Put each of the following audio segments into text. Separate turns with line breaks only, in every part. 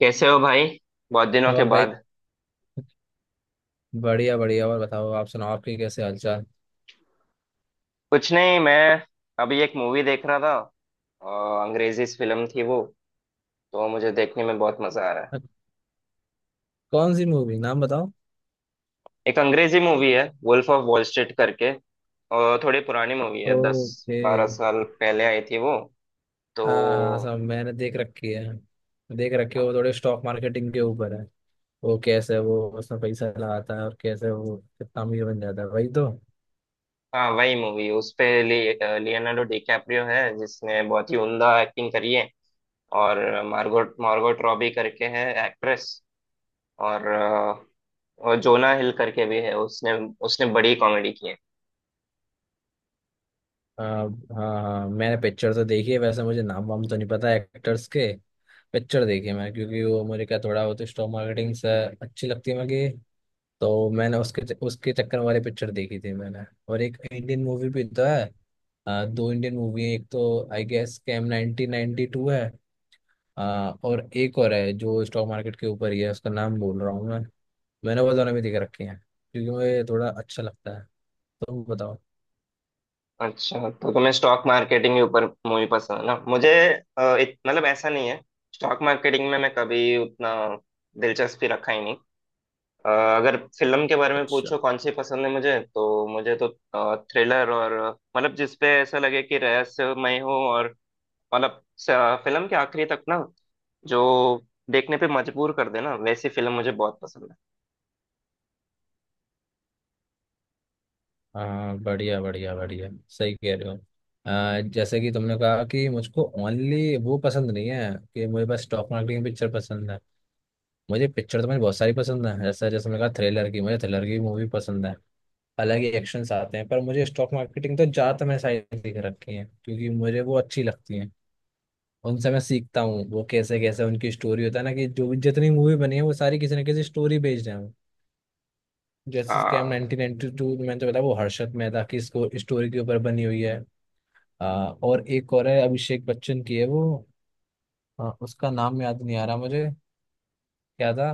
कैसे हो भाई। बहुत दिनों के
और भाई,
बाद।
बढ़िया बढ़िया। और बताओ, आप सुनाओ, आपके कैसे हालचाल?
कुछ नहीं, मैं अभी एक मूवी देख रहा था। अंग्रेजी फिल्म थी वो, तो मुझे देखने में बहुत मजा आ रहा है।
अ, कौन सी मूवी, नाम बताओ?
एक अंग्रेजी मूवी है, वुल्फ ऑफ वॉल स्ट्रीट करके। और थोड़ी पुरानी मूवी है, दस
ओके।
बारह साल पहले आई थी वो। तो
हाँ हाँ, सब मैंने देख रखी है। देख रखी है, वो थोड़े स्टॉक मार्केटिंग के ऊपर है। वो कैसे वो उसमें पैसा लगाता है और कैसे वो कितना अमीर बन जाता है, वही तो।
हाँ, वही मूवी। लियोनार्डो डिकैप्रियो है, जिसने बहुत ही उम्दा एक्टिंग करी है। और मार्गोट मार्गोट रॉबी करके है एक्ट्रेस। और और जोना हिल करके भी है। उसने उसने बड़ी कॉमेडी की है।
हाँ हाँ, मैंने पिक्चर तो देखी है। वैसे मुझे नाम वाम तो नहीं पता एक्टर्स के। पिक्चर देखी है मैंने, क्योंकि वो मेरे का थोड़ा वो तो स्टॉक मार्केटिंग से अच्छी लगती है मुझे। तो मैंने उसके उसके चक्कर वाले पिक्चर देखी थी मैंने। और एक इंडियन मूवी भी तो है। दो इंडियन मूवी है। एक तो आई गेस कैम 1992 है। अ, और एक और है जो स्टॉक मार्केट के ऊपर ही है, उसका नाम बोल रहा हूँ मैं। मैंने वो दोनों भी देख रखे हैं, क्योंकि मुझे थोड़ा अच्छा लगता है। तुम बताओ।
अच्छा, तो तुम्हें स्टॉक मार्केटिंग के ऊपर मूवी पसंद है ना। मुझे मतलब, ऐसा नहीं है। स्टॉक मार्केटिंग में मैं कभी उतना दिलचस्पी रखा ही नहीं। अ, अगर फिल्म के बारे में
अच्छा।
पूछो कौन सी पसंद है मुझे, तो मुझे तो थ्रिलर और मतलब जिसपे ऐसा लगे कि रहस्यमय हो, और मतलब, फिल्म के आखिरी तक ना, जो देखने पे मजबूर कर देना, वैसी फिल्म मुझे बहुत पसंद
हाँ, बढ़िया बढ़िया बढ़िया, सही कह रहे हो। जैसे कि तुमने कहा कि मुझको ओनली वो पसंद नहीं है कि मुझे बस स्टॉक मार्केट की पिक्चर पसंद है। मुझे पिक्चर तो मुझे बहुत सारी पसंद है। जैसे जैसे मैंने कहा, थ्रिलर की, मुझे थ्रिलर की मूवी पसंद है। अलग ही एक्शंस आते हैं। पर मुझे स्टॉक मार्केटिंग तो ज़्यादातर मैंने सारी देख रखी है, क्योंकि मुझे वो अच्छी लगती है। उनसे मैं सीखता हूँ, वो कैसे कैसे उनकी स्टोरी होता है ना, कि जो भी जितनी मूवी बनी है वो सारी किसी ना किसी स्टोरी बेस्ड है। जैसे स्कैम
है।
1992 मैंने तो बताया, वो हर्षद मेहता की स्टोरी के ऊपर बनी हुई है। आ, और एक और है, अभिषेक बच्चन की है वो। उसका नाम याद नहीं आ रहा मुझे। क्या था?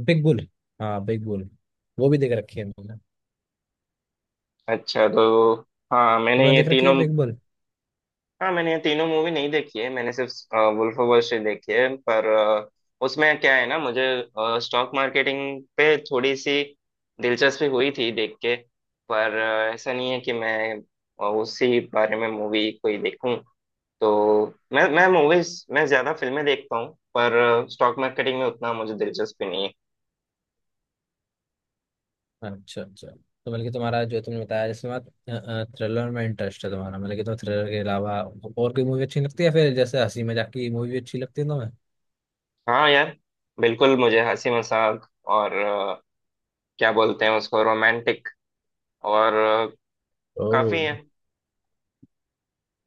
Big bull. हाँ, बिग बुल। वो भी देख रखी है मैंने।
अच्छा तो, हाँ
तुमने
मैंने ये
देख रखी
तीनों,
है पिंक?
हाँ मैंने ये तीनों मूवी नहीं देखी है। मैंने सिर्फ वुल्फ ऑफ वॉल स्ट्रीट देखी है। पर उसमें क्या है ना, मुझे स्टॉक मार्केटिंग पे थोड़ी सी दिलचस्पी हुई थी देख के। पर ऐसा नहीं है कि मैं उसी बारे में मूवी कोई देखूं। तो मैं ज्यादा फिल्में देखता हूँ, पर स्टॉक मार्केटिंग में उतना मुझे दिलचस्पी नहीं है।
अच्छा अच्छा। तो मतलब कि तुम्हारा जो तुमने बताया, जैसे तुम्हारा थ्रिलर में इंटरेस्ट है, तुम्हारा मतलब कि तुम्हें थ्रिलर के अलावा और कोई मूवी अच्छी लगती है फिर? जैसे हंसी मजाक की मूवी अच्छी लगती है तुम्हें?
हाँ यार, बिल्कुल। मुझे हंसी मजाक और क्या बोलते हैं उसको, रोमांटिक और अ,
ओ
काफी है।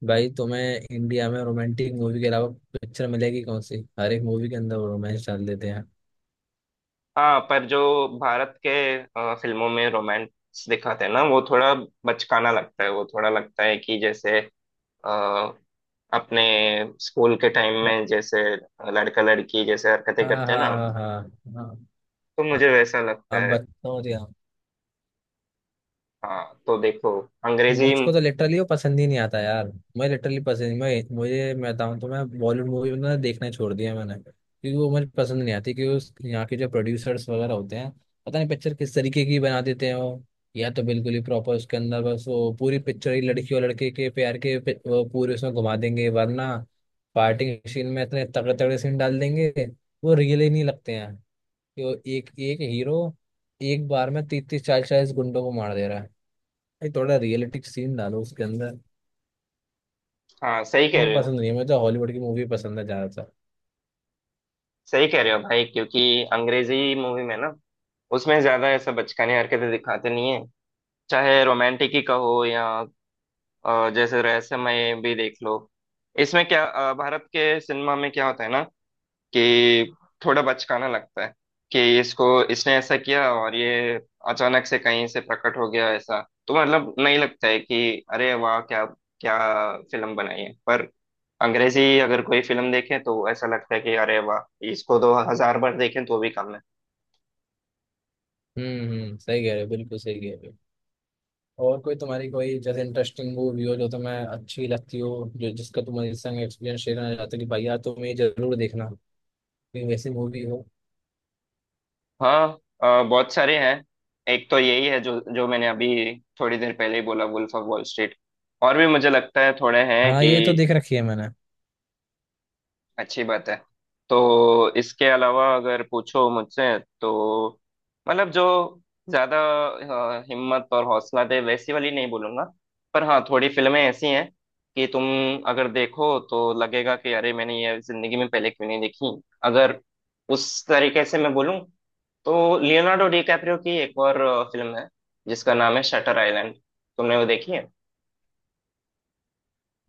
भाई, तुम्हें इंडिया में रोमांटिक मूवी के अलावा पिक्चर मिलेगी कौन सी? हर एक मूवी के अंदर रोमांस डाल देते हैं।
हाँ, पर जो भारत के फिल्मों में रोमांस दिखाते हैं ना, वो थोड़ा बचकाना लगता है। वो थोड़ा लगता है कि जैसे अ, अपने स्कूल के टाइम
ब-
में जैसे लड़का लड़की जैसे हरकतें
हाँ
करते हैं ना,
हाँ हाँ हाँ हाँ।
तो मुझे वैसा लगता
आप
है।
बताओ मुझे।
हाँ तो देखो, अंग्रेजी।
मुझको तो लिटरली वो पसंद ही नहीं आता यार। मैं लिटरली पसंद मैं, मुझे, मैं बताऊँ तो मैं बॉलीवुड मूवी ना देखना छोड़ दिया मैंने, क्योंकि वो मुझे पसंद नहीं आती। क्योंकि यहाँ के जो प्रोड्यूसर्स वगैरह होते हैं, पता नहीं पिक्चर किस तरीके की बना देते हैं वो। या तो बिल्कुल ही प्रॉपर उसके अंदर बस वो पूरी पिक्चर ही लड़की और लड़के के प्यार के वो पूरे उसमें घुमा देंगे, वरना पार्टी सीन में इतने तगड़े तगड़े सीन डाल देंगे, वो रियल ही नहीं लगते हैं। कि वो एक एक हीरो एक बार में तीस तीस चालीस चालीस गुंडों को मार दे रहा है। भाई, थोड़ा रियलिटिक सीन डालो उसके अंदर।
हाँ सही कह
मुझे
रहे हो
पसंद नहीं है। मैं तो हॉलीवुड की मूवी पसंद है ज्यादातर।
सही कह रहे हो भाई, क्योंकि अंग्रेजी मूवी में ना, उसमें ज्यादा ऐसा बचकानी हरकतें दिखाते नहीं है। चाहे रोमांटिक ही कहो, या जैसे रहस्यमय भी देख लो। इसमें क्या, भारत के सिनेमा में क्या होता है ना, कि थोड़ा बचकाना लगता है। कि इसको इसने ऐसा किया, और ये अचानक से कहीं से प्रकट हो गया, ऐसा। तो मतलब नहीं लगता है कि अरे वाह, क्या क्या फिल्म बनाई है। पर अंग्रेजी अगर कोई फिल्म देखे, तो ऐसा लगता है कि अरे वाह, इसको तो हजार बार देखें तो भी कम है।
हम्म, सही कह रहे हो, बिल्कुल सही कह रहे हो। और कोई तुम्हारी कोई जैसे इंटरेस्टिंग मूवी हो जो तुम्हें अच्छी लगती हो, जो जिसका तुम मेरे संग एक्सपीरियंस शेयर करना चाहते हो कि भाई यार तुम ये जरूर देखना, कोई वैसी मूवी हो?
हाँ, बहुत सारे हैं। एक तो यही है जो जो मैंने अभी थोड़ी देर पहले ही बोला, वुल्फ ऑफ वॉल स्ट्रीट। और भी मुझे लगता है थोड़े हैं
हाँ,
कि
ये तो देख रखी है मैंने।
अच्छी बात है। तो इसके अलावा अगर पूछो मुझसे, तो मतलब जो ज्यादा हिम्मत और हौसला दे, वैसी वाली नहीं बोलूंगा। पर हाँ, थोड़ी फिल्में ऐसी हैं कि तुम अगर देखो तो लगेगा कि अरे, मैंने ये जिंदगी में पहले क्यों नहीं देखी। अगर उस तरीके से मैं बोलूँ, तो लियोनार्डो डिकैप्रियो की एक और फिल्म है जिसका नाम है शटर आइलैंड। तुमने वो देखी है?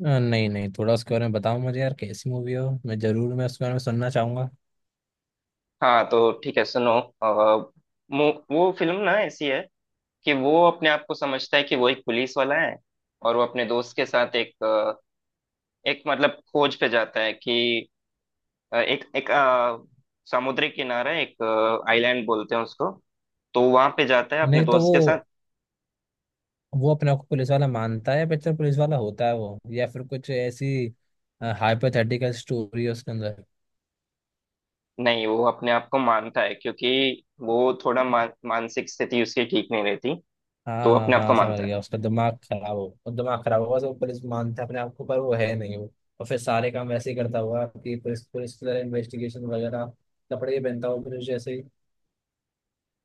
नहीं नहीं, थोड़ा उसके बारे में बताओ मुझे यार, कैसी मूवी हो, मैं जरूर मैं उसके बारे में सुनना चाहूंगा।
हाँ तो ठीक है, सुनो। अ, वो फिल्म ना ऐसी है कि वो अपने आप को समझता है कि वो एक पुलिस वाला है। और वो अपने दोस्त के साथ एक एक मतलब खोज पे जाता है कि अ, एक एक अ, समुद्री किनारा है, एक आइलैंड बोलते हैं उसको। तो वहां पे जाता है अपने
नहीं तो वो
दोस्त के साथ।
वो अपने आप को पुलिस वाला मानता है पिक्चर? पुलिस वाला होता है वो, या फिर कुछ ऐसी हाइपोथेटिकल स्टोरी है उसके अंदर?
नहीं, वो अपने आप को मानता है क्योंकि वो थोड़ा मानसिक स्थिति उसकी ठीक नहीं रहती। तो
हाँ
वो
हाँ
अपने आप को
हाँ, समझ
मानता है।
गया। उसका दिमाग खराब हो, और दिमाग खराब हुआ तो पुलिस मानता है अपने आप को, पर वो है नहीं वो। और फिर सारे काम वैसे ही करता हुआ कि पुलिस, पुलिस की तरह इन्वेस्टिगेशन वगैरह, कपड़े ही पहनता हुआ पुलिस जैसे ही।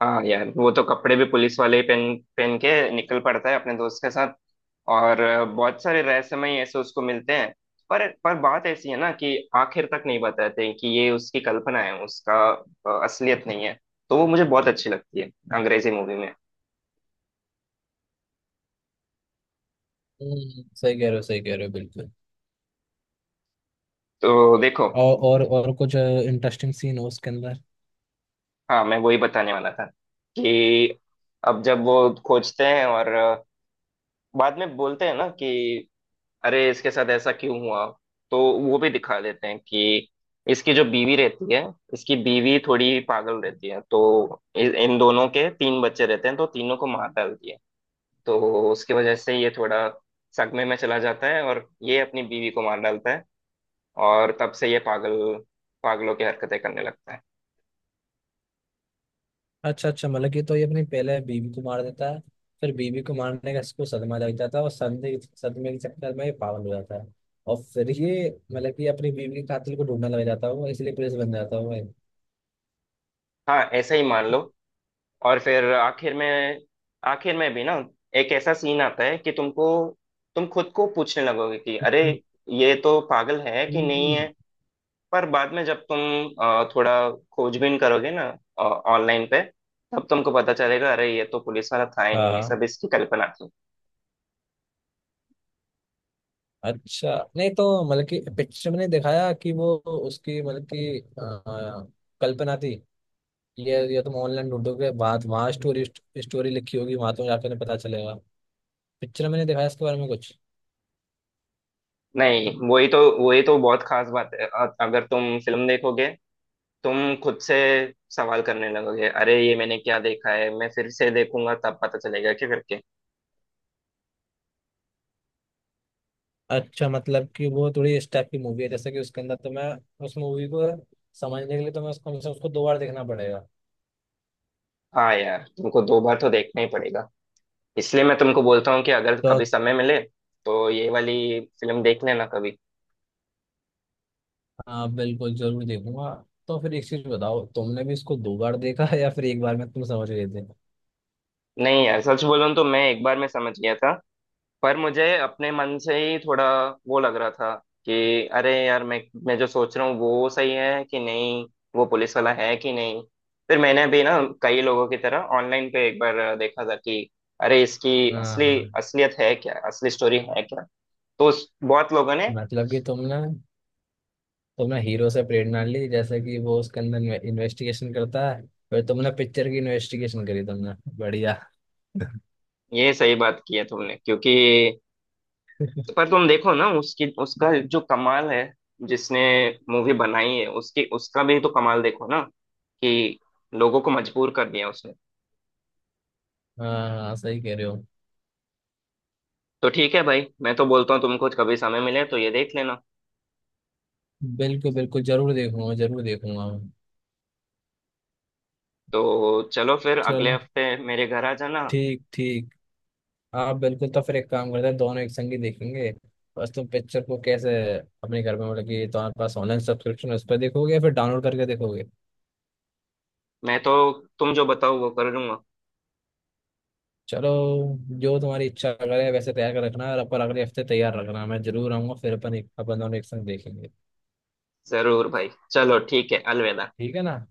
हाँ यार, वो तो कपड़े भी पुलिस वाले ही पहन पहन के निकल पड़ता है अपने दोस्त के साथ। और बहुत सारे रहस्यमय ऐसे उसको मिलते हैं। पर बात ऐसी है ना, कि आखिर तक नहीं बताते कि ये उसकी कल्पना है, उसका असलियत नहीं है। तो वो मुझे बहुत अच्छी लगती है अंग्रेजी मूवी में।
सही कह रहे हो, सही कह रहे हो, बिल्कुल।
तो देखो,
और कुछ इंटरेस्टिंग सीन हो उसके अंदर?
हाँ मैं वही बताने वाला था कि अब जब वो खोजते हैं, और बाद में बोलते हैं ना कि अरे इसके साथ ऐसा क्यों हुआ, तो वो भी दिखा देते हैं कि इसकी जो बीवी रहती है, इसकी बीवी थोड़ी पागल रहती है। तो इन दोनों के तीन बच्चे रहते हैं, तो तीनों को मार डालती है। तो उसकी वजह से ये थोड़ा सदमे में चला जाता है, और ये अपनी बीवी को मार डालता है। और तब से ये पागल, पागलों की हरकतें करने लगता है।
अच्छा अच्छा, मतलब कि तो ये अपनी पहले बीवी को मार देता है, फिर बीवी को मारने का इसको सदमा लग जाता है, और सदमे सदमे के चक्कर में ये पागल हो जाता है, और फिर ये मतलब कि अपनी बीवी के कातिल को ढूंढने लग जाता है वो, इसलिए पुलिस बन जाता है वो।
हाँ, ऐसा ही मान लो। और फिर आखिर में, आखिर में भी ना एक ऐसा सीन आता है कि तुमको, तुम खुद को पूछने लगोगे कि अरे, ये तो पागल है कि नहीं
हम्म।
है। पर बाद में जब तुम थोड़ा खोजबीन करोगे ना ऑनलाइन पे, तब तुमको पता चलेगा अरे ये तो पुलिस वाला था ही
हाँ
नहीं, ये
हाँ।
सब इसकी कल्पना थी।
अच्छा, नहीं तो मतलब कि पिक्चर में नहीं दिखाया कि वो उसकी मतलब कि कल्पना थी? ये तुम ऑनलाइन ढूंढोगे बात, वहाँ स्टोरी, स्टोरी लिखी होगी वहां, तुम्हें जाकर पता चलेगा। पिक्चर में नहीं दिखाया इसके बारे में कुछ?
नहीं, वही तो बहुत खास बात है। अगर तुम फिल्म देखोगे, तुम खुद से सवाल करने लगोगे अरे ये मैंने क्या देखा है, मैं फिर से देखूंगा तब पता चलेगा क्या करके।
अच्छा, मतलब कि वो थोड़ी इस टाइप की मूवी है, जैसे कि उसके अंदर तो मैं, उस मूवी को समझने के लिए तो मैं उसको कम से कम उसको दो बार देखना पड़ेगा।
हाँ यार, तुमको दो बार तो देखना ही पड़ेगा। इसलिए मैं तुमको बोलता हूँ कि अगर
तो
कभी समय मिले, तो ये वाली फिल्म देख लेना कभी।
हाँ, बिल्कुल जरूर देखूंगा। तो फिर एक चीज बताओ, तुमने भी इसको दो बार देखा है या फिर एक बार में तुम समझ गए थे?
नहीं यार, सच बोलूँ तो मैं एक बार में समझ गया था। पर मुझे अपने मन से ही थोड़ा वो लग रहा था कि अरे यार, मैं जो सोच रहा हूँ वो सही है कि नहीं, वो पुलिस वाला है कि नहीं। फिर मैंने भी ना कई लोगों की तरह ऑनलाइन पे एक बार देखा था कि अरे इसकी
हाँ
असली
हाँ,
असलियत है क्या, असली स्टोरी है क्या। बहुत लोगों ने
मतलब कि तुमने तुमने हीरो से प्रेरणा ली, जैसे कि वो उसके अंदर इन्वेस्टिगेशन करता है, फिर तुमने पिक्चर की इन्वेस्टिगेशन करी तुमने। बढ़िया।
ये सही बात की है तुमने, क्योंकि पर तुम देखो ना उसकी उसका जो कमाल है, जिसने मूवी बनाई है, उसकी उसका भी तो कमाल देखो ना, कि लोगों को मजबूर कर दिया उसने।
हाँ हाँ, सही कह रहे हो,
तो ठीक है भाई, मैं तो बोलता हूँ तुमको कभी समय मिले तो ये देख लेना।
बिल्कुल बिल्कुल। जरूर देखूंगा, जरूर देखूंगा मैं।
तो चलो फिर अगले
चलो,
हफ्ते मेरे घर आ जाना।
ठीक ठीक। हाँ बिल्कुल, तो फिर एक काम करते हैं, दोनों एक संग ही देखेंगे। बस तुम पिक्चर को कैसे अपने घर में, मतलब कि तुम्हारे पास ऑनलाइन सब्सक्रिप्शन है, उस पर देखोगे या फिर डाउनलोड करके देखोगे?
मैं तो तुम जो बताओ वो कर लूंगा।
चलो, जो तुम्हारी इच्छा करे वैसे तैयार कर रखना, और अपन अगले हफ्ते तैयार रखना, मैं जरूर आऊंगा, फिर अपन एक अपन दोनों एक संग देखेंगे।
जरूर भाई, चलो ठीक है, अलविदा।
ठीक है ना?